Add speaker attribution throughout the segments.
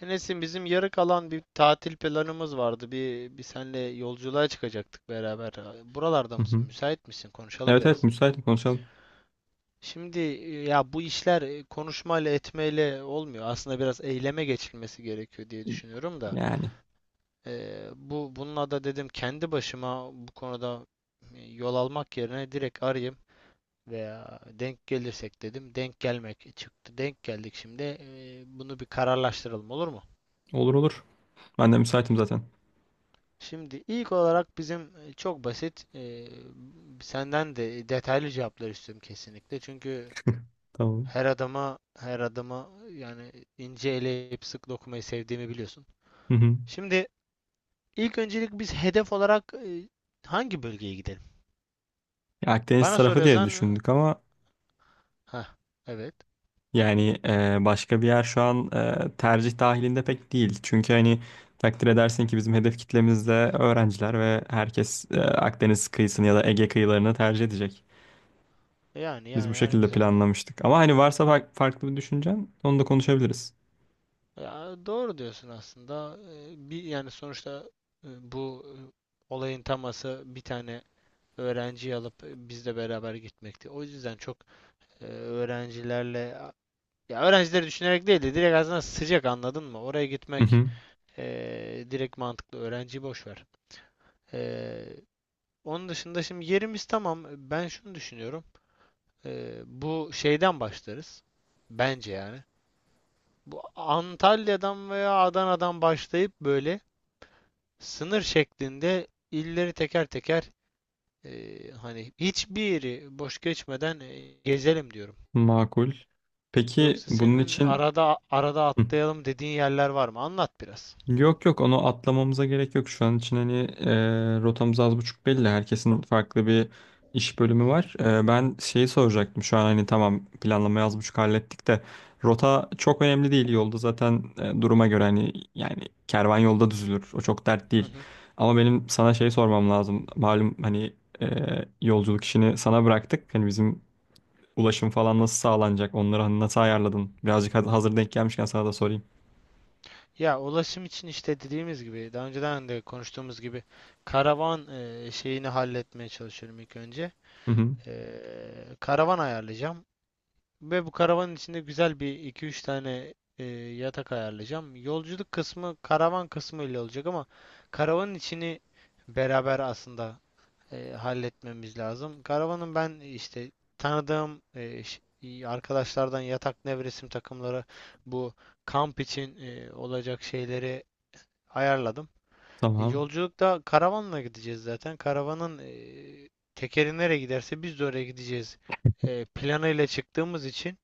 Speaker 1: Enes'im bizim yarı kalan bir tatil planımız vardı. Bir senle yolculuğa çıkacaktık beraber. Buralarda
Speaker 2: Hı
Speaker 1: mısın?
Speaker 2: hı.
Speaker 1: Müsait misin? Konuşalım
Speaker 2: Evet evet,
Speaker 1: biraz.
Speaker 2: müsaitim, konuşalım.
Speaker 1: Şimdi ya bu işler konuşmayla etmeyle olmuyor. Aslında biraz eyleme geçilmesi gerekiyor diye düşünüyorum da.
Speaker 2: Yani,
Speaker 1: Bu bununla da dedim kendi başıma bu konuda yol almak yerine direkt arayayım veya denk gelirsek dedim. Denk gelmek çıktı. Denk geldik şimdi. Bunu bir kararlaştıralım, olur mu?
Speaker 2: olur olur. Ben de müsaitim zaten.
Speaker 1: Şimdi ilk olarak bizim çok basit senden de detaylı cevaplar istiyorum kesinlikle. Çünkü
Speaker 2: Tamam.
Speaker 1: her adama yani ince eleyip sık dokumayı sevdiğimi biliyorsun.
Speaker 2: Hı hı.
Speaker 1: Şimdi ilk öncelik biz hedef olarak hangi bölgeye gidelim?
Speaker 2: Ya, Akdeniz
Speaker 1: Bana
Speaker 2: tarafı diye
Speaker 1: soruyorsan
Speaker 2: düşündük ama
Speaker 1: ha, evet.
Speaker 2: yani başka bir yer şu an tercih dahilinde pek değil. Çünkü hani takdir edersin ki bizim hedef kitlemizde öğrenciler ve herkes Akdeniz kıyısını ya da Ege kıyılarını tercih edecek.
Speaker 1: Yani
Speaker 2: Biz bu
Speaker 1: yani yani
Speaker 2: şekilde
Speaker 1: güzel.
Speaker 2: planlamıştık. Ama hani varsa farklı bir düşüncen, onu da konuşabiliriz.
Speaker 1: Ya, doğru diyorsun aslında. Bir yani sonuçta bu olayın taması bir tane öğrenciyi alıp bizle beraber gitmekti. O yüzden çok öğrencilerle ya öğrencileri düşünerek değil de direkt aslında sıcak, anladın mı? Oraya
Speaker 2: Hı
Speaker 1: gitmek
Speaker 2: hı.
Speaker 1: e, direkt mantıklı. Öğrenciyi boş ver. E, Onun dışında şimdi yerimiz tamam. Ben şunu düşünüyorum. Bu şeyden başlarız. Bence yani. Bu Antalya'dan veya Adana'dan başlayıp böyle sınır şeklinde illeri teker teker hani hiçbiri boş geçmeden gezelim diyorum.
Speaker 2: Makul. Peki
Speaker 1: Yoksa
Speaker 2: bunun
Speaker 1: senin
Speaker 2: için...
Speaker 1: arada arada
Speaker 2: Hı.
Speaker 1: atlayalım dediğin yerler var mı? Anlat biraz.
Speaker 2: Yok yok, onu atlamamıza gerek yok. Şu an için hani rotamız az buçuk belli. Herkesin farklı bir iş bölümü
Speaker 1: Hı hı.
Speaker 2: var. Ben şeyi soracaktım. Şu an hani tamam, planlamayı az buçuk hallettik de rota çok önemli değil. Yolda zaten duruma göre hani yani kervan yolda düzülür. O çok dert
Speaker 1: Hı
Speaker 2: değil.
Speaker 1: hı.
Speaker 2: Ama benim sana şey sormam lazım. Malum hani e, yolculuk işini sana bıraktık. Hani bizim ulaşım falan nasıl sağlanacak? Onları hani nasıl ayarladın? Birazcık hazır denk gelmişken sana da sorayım.
Speaker 1: Ya, ulaşım için işte dediğimiz gibi daha önceden de konuştuğumuz gibi karavan şeyini halletmeye çalışıyorum ilk önce.
Speaker 2: Hı hı,
Speaker 1: E, Karavan ayarlayacağım ve bu karavanın içinde güzel bir iki üç tane yatak ayarlayacağım. Yolculuk kısmı karavan kısmı ile olacak ama karavanın içini beraber aslında halletmemiz lazım. Karavanın ben işte tanıdığım arkadaşlardan yatak nevresim takımları bu kamp için olacak şeyleri ayarladım.
Speaker 2: tamam.
Speaker 1: Yolculukta karavanla gideceğiz zaten. Karavanın tekeri nereye giderse biz de oraya gideceğiz planıyla çıktığımız için.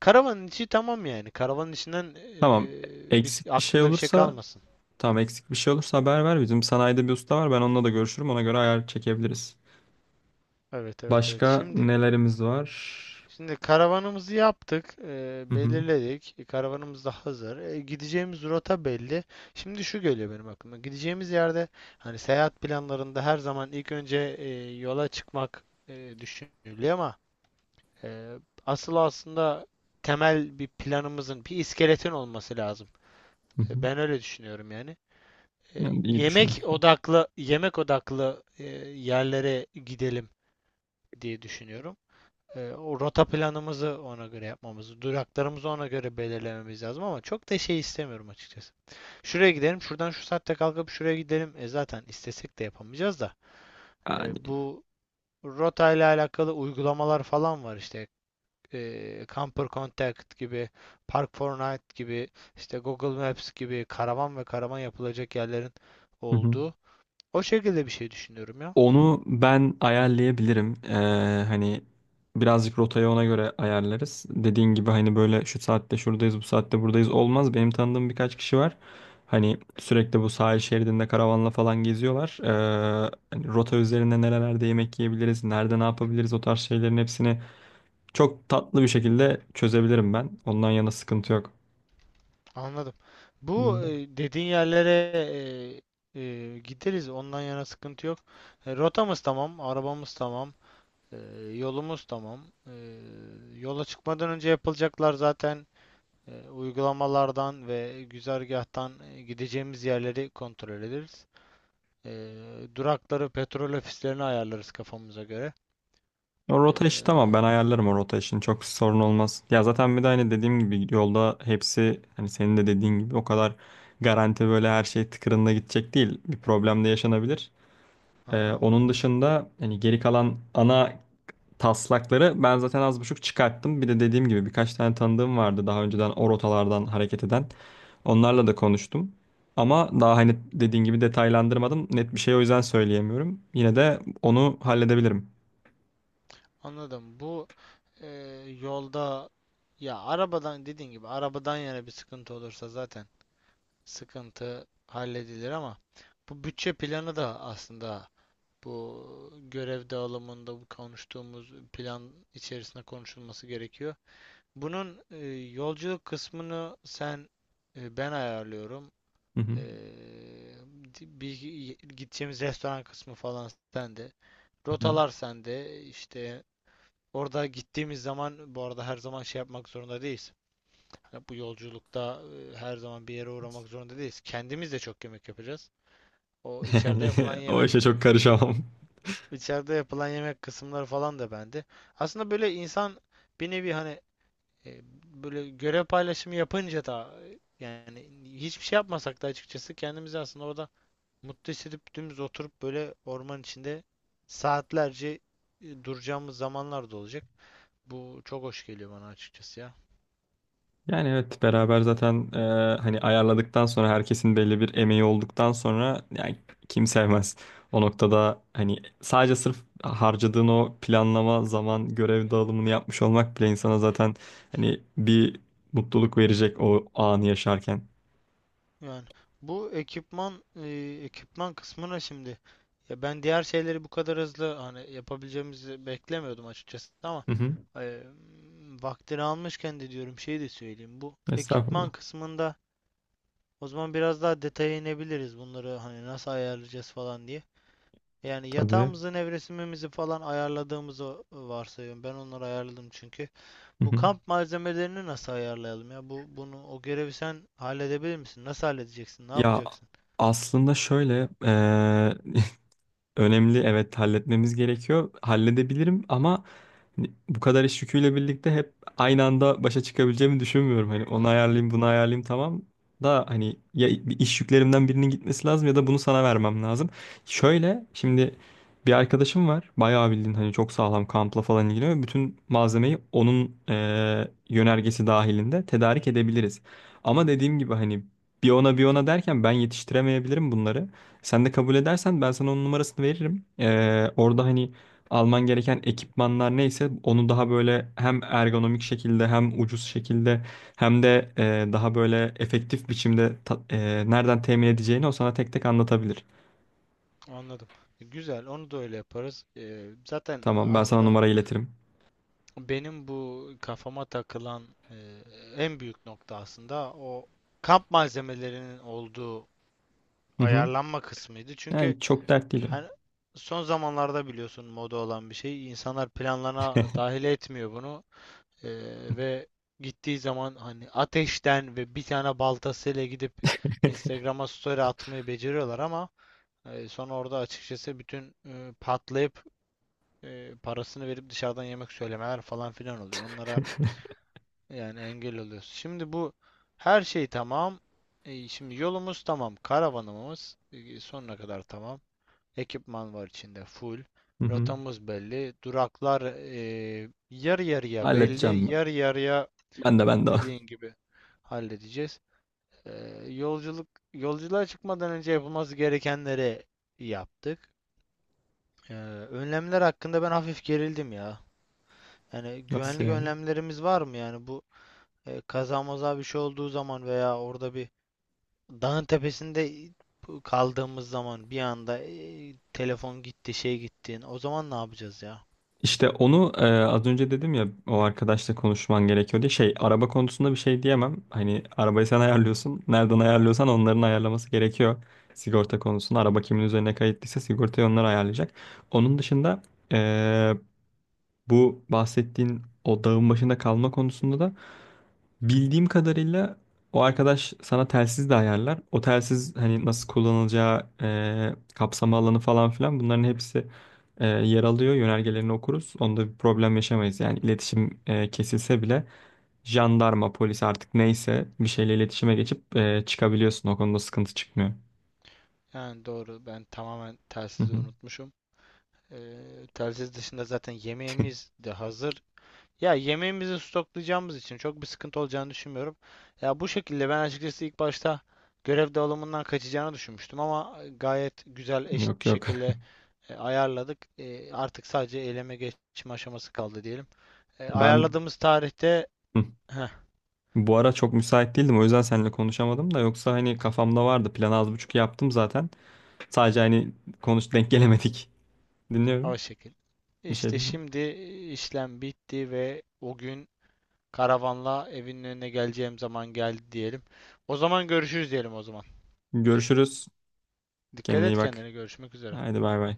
Speaker 1: Karavanın içi tamam yani. Karavanın içinden
Speaker 2: Tamam.
Speaker 1: biz
Speaker 2: Eksik bir şey
Speaker 1: aklında bir şey
Speaker 2: olursa,
Speaker 1: kalmasın.
Speaker 2: tamam, eksik bir şey olursa haber ver. Bizim sanayide bir usta var. Ben onunla da görüşürüm. Ona göre ayar çekebiliriz.
Speaker 1: Evet evet evet.
Speaker 2: Başka
Speaker 1: Şimdi
Speaker 2: nelerimiz var?
Speaker 1: Şimdi karavanımızı yaptık,
Speaker 2: Hı hı.
Speaker 1: belirledik. Karavanımız da hazır. Gideceğimiz rota belli. Şimdi şu geliyor benim aklıma. Gideceğimiz yerde hani seyahat planlarında her zaman ilk önce yola çıkmak düşünülüyor ama e, asıl aslında temel bir planımızın, bir iskeletin olması lazım.
Speaker 2: Hı hı.
Speaker 1: Ben öyle düşünüyorum yani. E,
Speaker 2: Yani iyi
Speaker 1: Yemek
Speaker 2: düşünmüşsün.
Speaker 1: odaklı, yemek odaklı yerlere gidelim diye düşünüyorum. O rota planımızı ona göre yapmamız, duraklarımızı ona göre belirlememiz lazım ama çok da şey istemiyorum açıkçası. Şuraya gidelim, şuradan şu saatte kalkıp şuraya gidelim. E zaten istesek de yapamayacağız da.
Speaker 2: Yani.
Speaker 1: Bu rota ile alakalı uygulamalar falan var işte. Camper Contact gibi, Park Fortnite gibi, işte Google Maps gibi karavan ve karavan yapılacak yerlerin
Speaker 2: Hı hı.
Speaker 1: olduğu. O şekilde bir şey düşünüyorum ya.
Speaker 2: Onu ben ayarlayabilirim. Hani birazcık rotayı ona göre ayarlarız. Dediğin gibi hani böyle şu saatte şuradayız, bu saatte buradayız olmaz. Benim tanıdığım birkaç kişi var. Hani sürekli bu sahil şeridinde karavanla falan geziyorlar. Hani rota üzerinde nerelerde yemek yiyebiliriz, nerede ne yapabiliriz, o tarz şeylerin hepsini çok tatlı bir şekilde çözebilirim ben. Ondan yana sıkıntı yok.
Speaker 1: Anladım. Bu dediğin yerlere gideriz. Ondan yana sıkıntı yok. Rotamız tamam, arabamız tamam, e, yolumuz tamam. E, Yola çıkmadan önce yapılacaklar zaten uygulamalardan ve güzergahtan gideceğimiz yerleri kontrol ederiz. E, Durakları, petrol ofislerini ayarlarız kafamıza göre.
Speaker 2: O rota işi tamam,
Speaker 1: E,
Speaker 2: ben ayarlarım o rota işini, çok sorun olmaz. Ya zaten bir de hani dediğim gibi yolda hepsi, hani senin de dediğin gibi, o kadar garanti böyle her şey tıkırında gidecek değil. Bir problem de yaşanabilir.
Speaker 1: aha.
Speaker 2: Onun dışında hani geri kalan ana taslakları ben zaten az buçuk çıkarttım. Bir de dediğim gibi birkaç tane tanıdığım vardı daha önceden o rotalardan hareket eden. Onlarla da konuştum. Ama daha hani dediğin gibi detaylandırmadım. Net bir şey o yüzden söyleyemiyorum. Yine de onu halledebilirim.
Speaker 1: Anladım. Bu e, yolda ya arabadan, dediğin gibi arabadan yana bir sıkıntı olursa zaten sıkıntı halledilir ama bu bütçe planı da aslında bu görev dağılımında, bu konuştuğumuz plan içerisinde konuşulması gerekiyor. Bunun yolculuk kısmını sen, ben ayarlıyorum.
Speaker 2: Hı hı.
Speaker 1: E, Bir gideceğimiz restoran kısmı falan sende.
Speaker 2: Hı hı.
Speaker 1: Rotalar sende, İşte. Orada gittiğimiz zaman bu arada her zaman şey yapmak zorunda değiliz. Hani bu yolculukta her zaman bir yere uğramak zorunda değiliz. Kendimiz de çok yemek yapacağız. O içeride
Speaker 2: Yani
Speaker 1: yapılan
Speaker 2: o
Speaker 1: yemek,
Speaker 2: işe çok karışamam.
Speaker 1: içeride yapılan yemek kısımları falan da bende. Aslında böyle insan bir nevi hani e, böyle görev paylaşımı yapınca da yani hiçbir şey yapmasak da açıkçası kendimizi aslında orada mutlu hissedip dümdüz oturup böyle orman içinde saatlerce duracağımız zamanlar da olacak. Bu çok hoş geliyor bana açıkçası ya.
Speaker 2: Yani evet, beraber zaten hani ayarladıktan sonra, herkesin belli bir emeği olduktan sonra, yani kim sevmez. O noktada hani sadece sırf harcadığın o planlama zaman, görev dağılımını yapmış olmak bile insana zaten hani bir mutluluk verecek o anı yaşarken.
Speaker 1: Yani bu ekipman ekipman kısmına şimdi, ya ben diğer şeyleri bu kadar hızlı hani yapabileceğimizi beklemiyordum açıkçası ama
Speaker 2: Hı hı.
Speaker 1: e, vaktini almışken de diyorum, şey de söyleyeyim bu ekipman
Speaker 2: Estağfurullah.
Speaker 1: kısmında o zaman biraz daha detaya inebiliriz, bunları hani nasıl ayarlayacağız falan diye. Yani
Speaker 2: Tabii.
Speaker 1: yatağımızı, nevresimimizi falan ayarladığımızı varsayıyorum. Ben onları ayarladım çünkü.
Speaker 2: Hı
Speaker 1: Bu
Speaker 2: hı.
Speaker 1: kamp malzemelerini nasıl ayarlayalım ya? Bu o görevi sen halledebilir misin? Nasıl halledeceksin? Ne
Speaker 2: Ya
Speaker 1: yapacaksın?
Speaker 2: aslında şöyle önemli, evet, halletmemiz gerekiyor. Halledebilirim ama hani bu kadar iş yüküyle birlikte hep aynı anda başa çıkabileceğimi düşünmüyorum. Hani
Speaker 1: Hı
Speaker 2: onu
Speaker 1: hı,
Speaker 2: ayarlayayım, bunu ayarlayayım, tamam da hani ya bir iş yüklerimden birinin gitmesi lazım ya da bunu sana vermem lazım. Şöyle şimdi bir arkadaşım var. Bayağı bildiğin hani çok sağlam kampla falan ilgileniyor. Bütün malzemeyi onun yönergesi dahilinde tedarik edebiliriz. Ama dediğim gibi hani bir ona bir ona derken ben yetiştiremeyebilirim bunları. Sen de kabul edersen ben sana onun numarasını veririm. Orada hani alman gereken ekipmanlar neyse onu daha böyle hem ergonomik şekilde, hem ucuz şekilde, hem de daha böyle efektif biçimde nereden temin edeceğini o sana tek tek anlatabilir.
Speaker 1: anladım. Güzel, onu da öyle yaparız. Zaten
Speaker 2: Tamam, ben sana
Speaker 1: aslında
Speaker 2: numara iletirim.
Speaker 1: benim bu kafama takılan en büyük nokta aslında o kamp malzemelerinin olduğu
Speaker 2: Hı hı.
Speaker 1: ayarlanma kısmıydı. Çünkü
Speaker 2: Yani çok dert değil o.
Speaker 1: hani son zamanlarda biliyorsun moda olan bir şey. İnsanlar planlarına dahil etmiyor bunu. Ve gittiği zaman hani ateşten ve bir tane baltasıyla gidip Instagram'a story atmayı beceriyorlar ama sonra orada açıkçası bütün patlayıp parasını verip dışarıdan yemek söylemeler falan filan oluyor. Onlara yani engel oluyorsun. Şimdi bu her şey tamam. Şimdi yolumuz tamam. Karavanımız sonuna kadar tamam. Ekipman var içinde full.
Speaker 2: Hı hı.
Speaker 1: Rotamız belli. Duraklar yarı yarıya
Speaker 2: Halledeceğim
Speaker 1: belli.
Speaker 2: ben.
Speaker 1: Yarı yarıya,
Speaker 2: Ben de, ben de.
Speaker 1: dediğin gibi halledeceğiz. E, Yolculuk yolculuğa çıkmadan önce yapılması gerekenleri yaptık. Ee, Önlemler hakkında ben hafif gerildim ya. Yani
Speaker 2: Nasıl
Speaker 1: güvenlik
Speaker 2: yani?
Speaker 1: önlemlerimiz var mı? Yani bu kaza maza bir şey olduğu zaman veya orada bir dağın tepesinde kaldığımız zaman bir anda telefon gitti, şey gitti. O zaman ne yapacağız ya?
Speaker 2: İşte onu az önce dedim ya o arkadaşla konuşman gerekiyor diye. Şey, araba konusunda bir şey diyemem. Hani arabayı sen ayarlıyorsun. Nereden ayarlıyorsan onların ayarlaması gerekiyor. Sigorta konusunda araba kimin üzerine kayıtlıysa sigortayı onlar ayarlayacak. Onun dışında e, bu bahsettiğin o dağın başında kalma konusunda da bildiğim kadarıyla o arkadaş sana telsiz de ayarlar. O telsiz hani nasıl kullanılacağı, kapsama alanı falan filan, bunların hepsi yer alıyor. Yönergelerini okuruz. Onda bir problem yaşamayız. Yani iletişim kesilse bile jandarma, polis, artık neyse bir şeyle iletişime geçip çıkabiliyorsun. O konuda sıkıntı çıkmıyor.
Speaker 1: Yani doğru, ben tamamen
Speaker 2: Hı
Speaker 1: telsizi
Speaker 2: hı.
Speaker 1: unutmuşum. Telsiz dışında zaten yemeğimiz de hazır. Ya yemeğimizi stoklayacağımız için çok bir sıkıntı olacağını düşünmüyorum. Ya bu şekilde ben açıkçası ilk başta görev dağılımından kaçacağını düşünmüştüm ama gayet güzel eşit
Speaker 2: Yok
Speaker 1: bir
Speaker 2: yok.
Speaker 1: şekilde ayarladık. Artık sadece eyleme geçme aşaması kaldı diyelim.
Speaker 2: Ben
Speaker 1: Ayarladığımız tarihte
Speaker 2: hı,
Speaker 1: heh,
Speaker 2: bu ara çok müsait değildim. O yüzden seninle konuşamadım da yoksa hani kafamda vardı. Planı az buçuk yaptım zaten. Sadece hani konuş denk gelemedik. Dinliyorum.
Speaker 1: o şekil.
Speaker 2: Bir şey
Speaker 1: İşte
Speaker 2: dedim.
Speaker 1: şimdi işlem bitti ve o gün karavanla evinin önüne geleceğim zaman geldi diyelim. O zaman görüşürüz diyelim o zaman.
Speaker 2: Görüşürüz.
Speaker 1: Dikkat
Speaker 2: Kendine iyi
Speaker 1: et
Speaker 2: bak.
Speaker 1: kendine, görüşmek üzere.
Speaker 2: Haydi bay bay.